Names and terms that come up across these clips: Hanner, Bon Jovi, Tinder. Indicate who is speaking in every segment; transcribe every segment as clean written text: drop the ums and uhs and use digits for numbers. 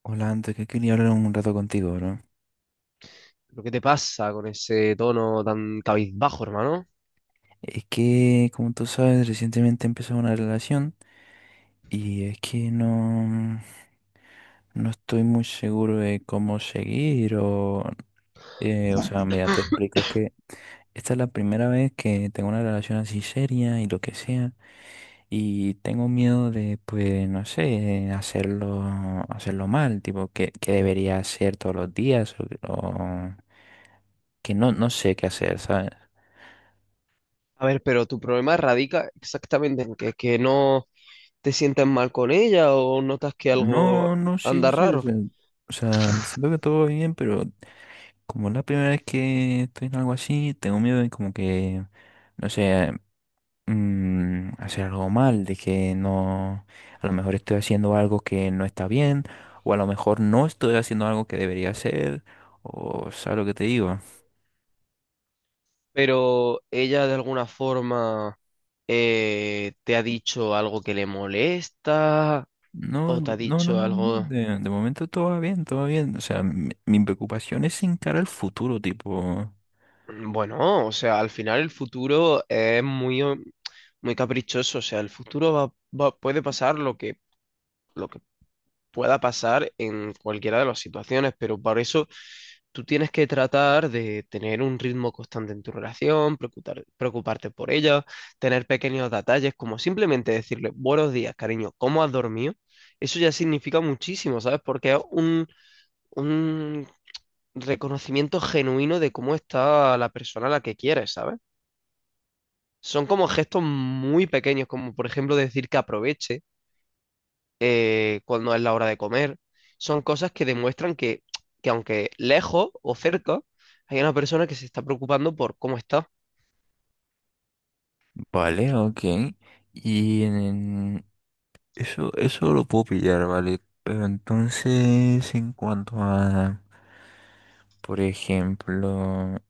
Speaker 1: Hola, antes que quería hablar un rato contigo, bro.
Speaker 2: ¿Pero qué te pasa con ese tono tan cabizbajo, hermano?
Speaker 1: Es que, como tú sabes, recientemente empezó una relación y es que no, no estoy muy seguro de cómo seguir. O... O sea, mira, te explico, es que esta es la primera vez que tengo una relación así seria y lo que sea, y tengo miedo de, pues, no sé, hacerlo, hacerlo mal, tipo, que debería hacer todos los días, o que no, no sé qué hacer, ¿sabes?
Speaker 2: A ver, pero tu problema radica exactamente en que no te sientes mal con ella o notas que algo
Speaker 1: No, no, sí,
Speaker 2: anda
Speaker 1: sí, o
Speaker 2: raro,
Speaker 1: sea, siento que todo va bien, pero como es la primera vez que estoy en algo así, tengo miedo de como que, no sé, hacer algo mal, de que no, a lo mejor estoy haciendo algo que no está bien, o a lo mejor no estoy haciendo algo que debería hacer, o sabes lo que te digo.
Speaker 2: pero ella de alguna forma te ha dicho algo que le molesta
Speaker 1: No,
Speaker 2: o te ha
Speaker 1: no, no,
Speaker 2: dicho
Speaker 1: no, no,
Speaker 2: algo...
Speaker 1: de momento todo va bien, o sea, mi preocupación es encarar el futuro, tipo,
Speaker 2: Bueno, o sea, al final el futuro es muy caprichoso, o sea, el futuro va, puede pasar lo lo que pueda pasar en cualquiera de las situaciones, pero por eso tú tienes que tratar de tener un ritmo constante en tu relación, preocuparte por ella, tener pequeños detalles, como simplemente decirle buenos días, cariño, ¿cómo has dormido? Eso ya significa muchísimo, ¿sabes? Porque es un reconocimiento genuino de cómo está la persona a la que quieres, ¿sabes? Son como gestos muy pequeños, como por ejemplo decir que aproveche cuándo es la hora de comer. Son cosas que demuestran que aunque lejos o cerca, hay una persona que se está preocupando por cómo está.
Speaker 1: vale, ok. Y en, eso lo puedo pillar, ¿vale? Pero entonces, en cuanto a, por ejemplo,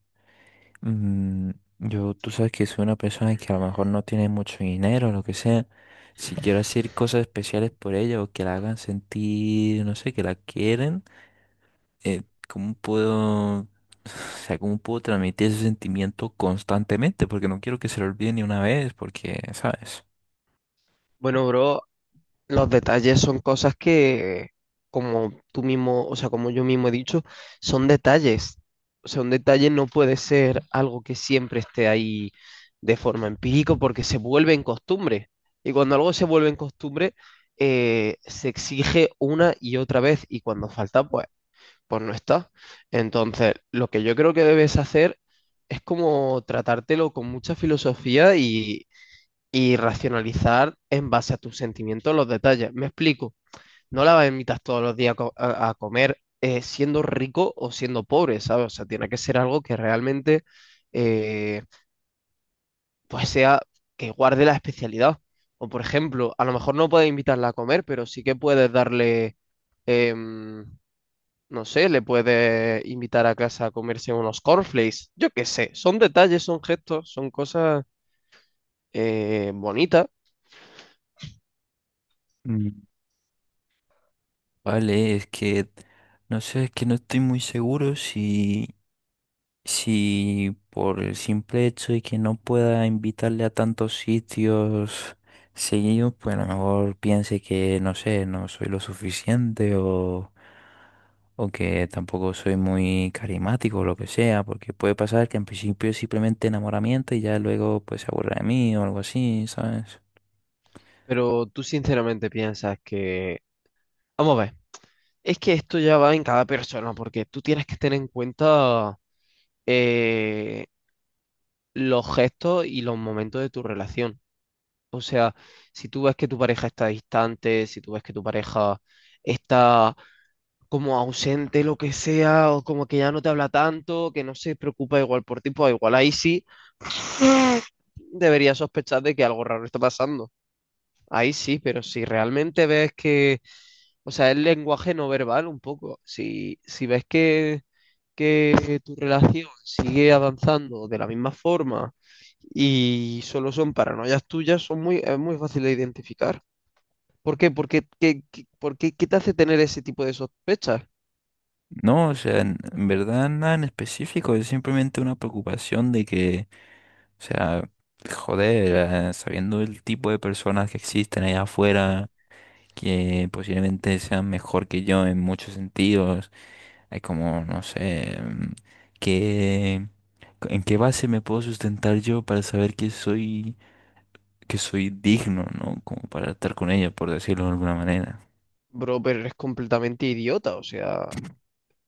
Speaker 1: mm, yo, tú sabes que soy una persona que a lo mejor no tiene mucho dinero, lo que sea. Si quiero hacer cosas especiales por ella o que la hagan sentir, no sé, que la quieren, eh, ¿cómo puedo, o sea, cómo puedo transmitir ese sentimiento constantemente? Porque no quiero que se lo olvide ni una vez, porque, ¿sabes?
Speaker 2: Bueno, bro, los detalles son cosas que, como tú mismo, o sea, como yo mismo he dicho, son detalles. O sea, un detalle no puede ser algo que siempre esté ahí de forma empírica porque se vuelve en costumbre. Y cuando algo se vuelve en costumbre, se exige una y otra vez. Y cuando falta, pues no está. Entonces, lo que yo creo que debes hacer es como tratártelo con mucha filosofía y racionalizar en base a tus sentimientos los detalles. Me explico, no la invitas todos los días a, a comer siendo rico o siendo pobre, ¿sabes? O sea, tiene que ser algo que realmente eh, pues sea que guarde la especialidad. O por ejemplo, a lo mejor no puedes invitarla a comer, pero sí que puedes darle... em, no sé, le puede invitar a casa a comerse unos cornflakes. Yo qué sé, son detalles, son gestos, son cosas bonitas,
Speaker 1: Vale, es que no sé, es que no estoy muy seguro si, si por el simple hecho de que no pueda invitarle a tantos sitios seguidos, pues a lo mejor piense que no sé, no soy lo suficiente o que tampoco soy muy carismático o lo que sea, porque puede pasar que en principio es simplemente enamoramiento y ya luego pues se aburra de mí o algo así, ¿sabes?
Speaker 2: pero tú sinceramente piensas que... Vamos a ver, es que esto ya va en cada persona, porque tú tienes que tener en cuenta eh, los gestos y los momentos de tu relación. O sea, si tú ves que tu pareja está distante, si tú ves que tu pareja está como ausente, lo que sea, o como que ya no te habla tanto, que no se preocupa igual por ti, pues igual ahí sí deberías sospechar de que algo raro está pasando. Ahí sí, pero si realmente ves que, o sea, es lenguaje no verbal un poco, si ves que tu relación sigue avanzando de la misma forma y solo son paranoias tuyas, son es muy fácil de identificar. ¿Por qué? Porque, ¿por qué te hace tener ese tipo de sospechas?
Speaker 1: No, o sea, en verdad nada en específico, es simplemente una preocupación de que... O sea, joder, sabiendo el tipo de personas que existen allá afuera, que posiblemente sean mejor que yo en muchos sentidos, hay como, no sé, ¿qué- ¿en qué base me puedo sustentar yo para saber que soy digno, ¿no? Como para estar con ella, por decirlo de alguna manera.
Speaker 2: Bro, pero eres completamente idiota, o sea,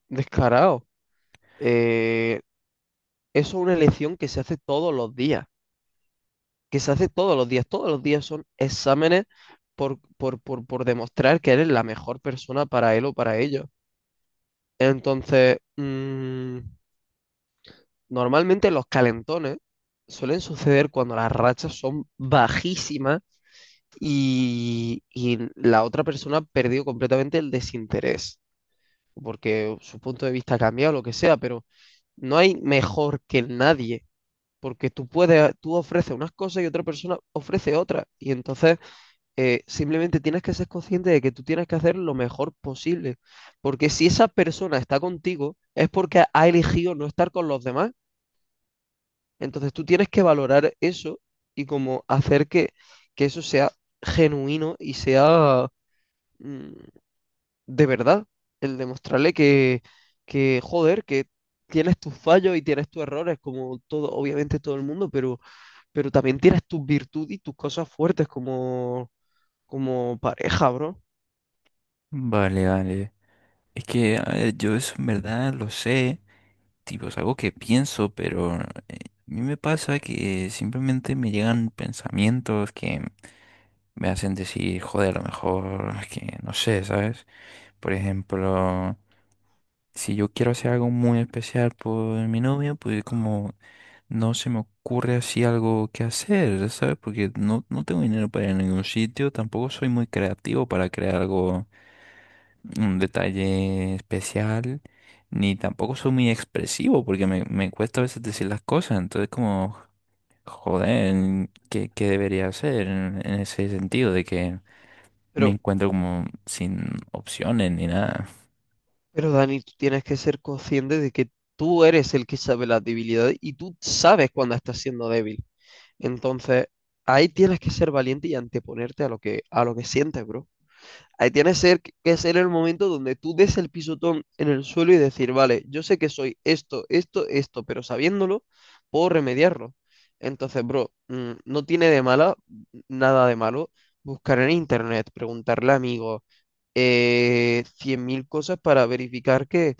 Speaker 2: descarado. Eh, eso es una elección que se hace todos los días, que se hace todos los días. Todos los días son exámenes por demostrar que eres la mejor persona para él o para ellos. Entonces, mm, normalmente los calentones suelen suceder cuando las rachas son bajísimas y la otra persona ha perdido completamente el desinterés, porque su punto de vista ha cambiado, lo que sea, pero... No hay mejor que nadie, porque tú puedes, tú ofreces unas cosas y otra persona ofrece otras. Y entonces simplemente tienes que ser consciente de que tú tienes que hacer lo mejor posible. Porque si esa persona está contigo, es porque ha elegido no estar con los demás. Entonces tú tienes que valorar eso y como hacer que eso sea genuino y sea mm, de verdad, el demostrarle que, joder, que tienes tus fallos y tienes tus errores, como todo, obviamente todo el mundo, pero también tienes tus virtudes y tus cosas fuertes como, como pareja, bro.
Speaker 1: Vale, vale. Es que, a ver, yo eso en verdad lo sé. Tipo, es algo que pienso, pero a mí me pasa que simplemente me llegan pensamientos que me hacen decir, joder, a lo mejor, es que no sé, ¿sabes? Por ejemplo, si yo quiero hacer algo muy especial por mi novia, pues como no se me ocurre así algo que hacer, ¿sabes? Porque no, no tengo dinero para ir a ningún sitio, tampoco soy muy creativo para crear algo, un detalle especial, ni tampoco soy muy expresivo porque me cuesta a veces decir las cosas, entonces como, joder, ¿qué debería hacer en ese sentido de que me
Speaker 2: Pero,
Speaker 1: encuentro como sin opciones ni nada?
Speaker 2: pero Dani, tú tienes que ser consciente de que tú eres el que sabe las debilidades y tú sabes cuando estás siendo débil. Entonces, ahí tienes que ser valiente y anteponerte a lo a lo que sientes, bro. Ahí tienes que ser el momento donde tú des el pisotón en el suelo y decir, vale, yo sé que soy esto, esto, esto, pero sabiéndolo, puedo remediarlo. Entonces, bro, mm, no tiene de mala, mm, nada de malo, buscar en internet, preguntarle a amigos, 100.000 cosas para verificar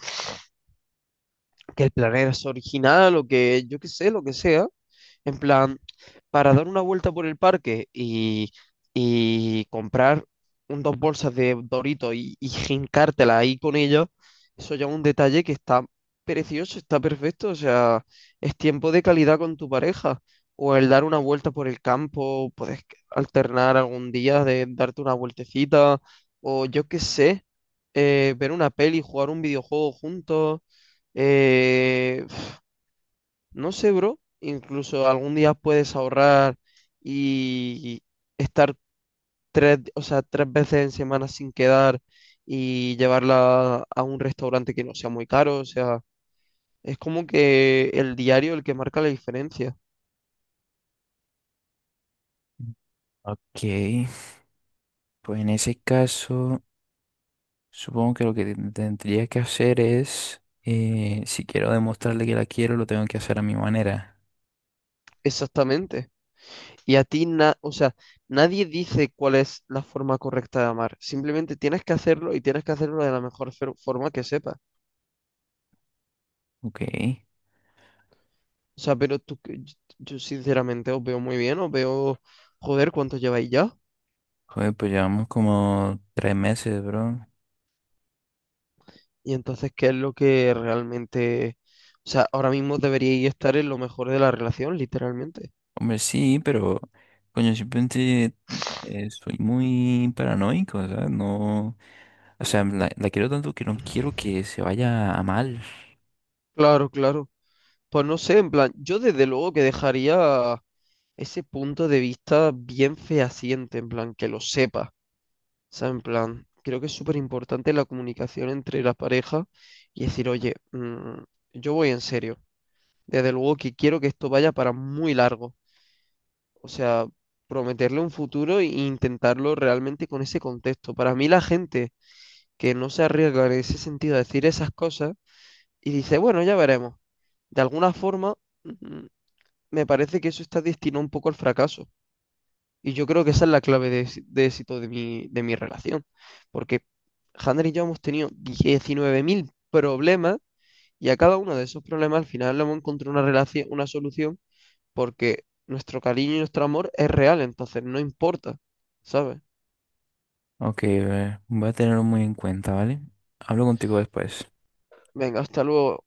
Speaker 2: que el planeta es original o que yo qué sé, lo que sea, en plan, para dar una vuelta por el parque y comprar un, dos bolsas de Doritos y jincártela ahí con ellos, eso ya es un detalle que está precioso, está perfecto, o sea, es tiempo de calidad con tu pareja. O el dar una vuelta por el campo, puedes alternar algún día de darte una vueltecita, o yo qué sé, ver una peli, jugar un videojuego juntos eh, no sé, bro. Incluso algún día puedes ahorrar y estar tres, o sea, tres veces en semana sin quedar y llevarla a un restaurante que no sea muy caro. O sea, es como que el diario el que marca la diferencia.
Speaker 1: Ok, pues en ese caso, supongo que lo que tendría que hacer es, si quiero demostrarle que la quiero, lo tengo que hacer a mi manera.
Speaker 2: Exactamente. Y a ti, o sea, nadie dice cuál es la forma correcta de amar. Simplemente tienes que hacerlo y tienes que hacerlo de la mejor forma que sepas.
Speaker 1: Ok,
Speaker 2: O sea, pero tú, yo sinceramente os veo muy bien, os veo, joder, ¿cuánto lleváis ya?
Speaker 1: joder, pues llevamos como 3 meses, bro.
Speaker 2: Y entonces, ¿qué es lo que realmente, o sea, ahora mismo deberíais estar en lo mejor de la relación, literalmente?
Speaker 1: Hombre, sí, pero coño, simplemente soy muy paranoico, o sea, no, o sea,
Speaker 2: Mm.
Speaker 1: la quiero tanto que no quiero que se vaya a mal.
Speaker 2: Claro, claro. Pues no sé, en plan, yo desde luego que dejaría ese punto de vista bien fehaciente, en plan, que lo sepa. O sea, en plan, creo que es súper importante la comunicación entre la pareja y decir, oye, mm, yo voy en serio. Desde luego que quiero que esto vaya para muy largo. O sea, prometerle un futuro e intentarlo realmente con ese contexto. Para mí la gente que no se arriesga en ese sentido a decir esas cosas y dice, bueno, ya veremos. De alguna forma, mm, me parece que eso está destinado un poco al fracaso. Y yo creo que esa es la clave de, de éxito de de mi relación. Porque Hanner y yo hemos tenido 19.000 problemas y a cada uno de esos problemas al final le hemos encontrado una relación, una solución porque nuestro cariño y nuestro amor es real, entonces no importa, ¿sabes?
Speaker 1: Ok, voy a tenerlo muy en cuenta, ¿vale? Hablo contigo después.
Speaker 2: Venga, hasta luego.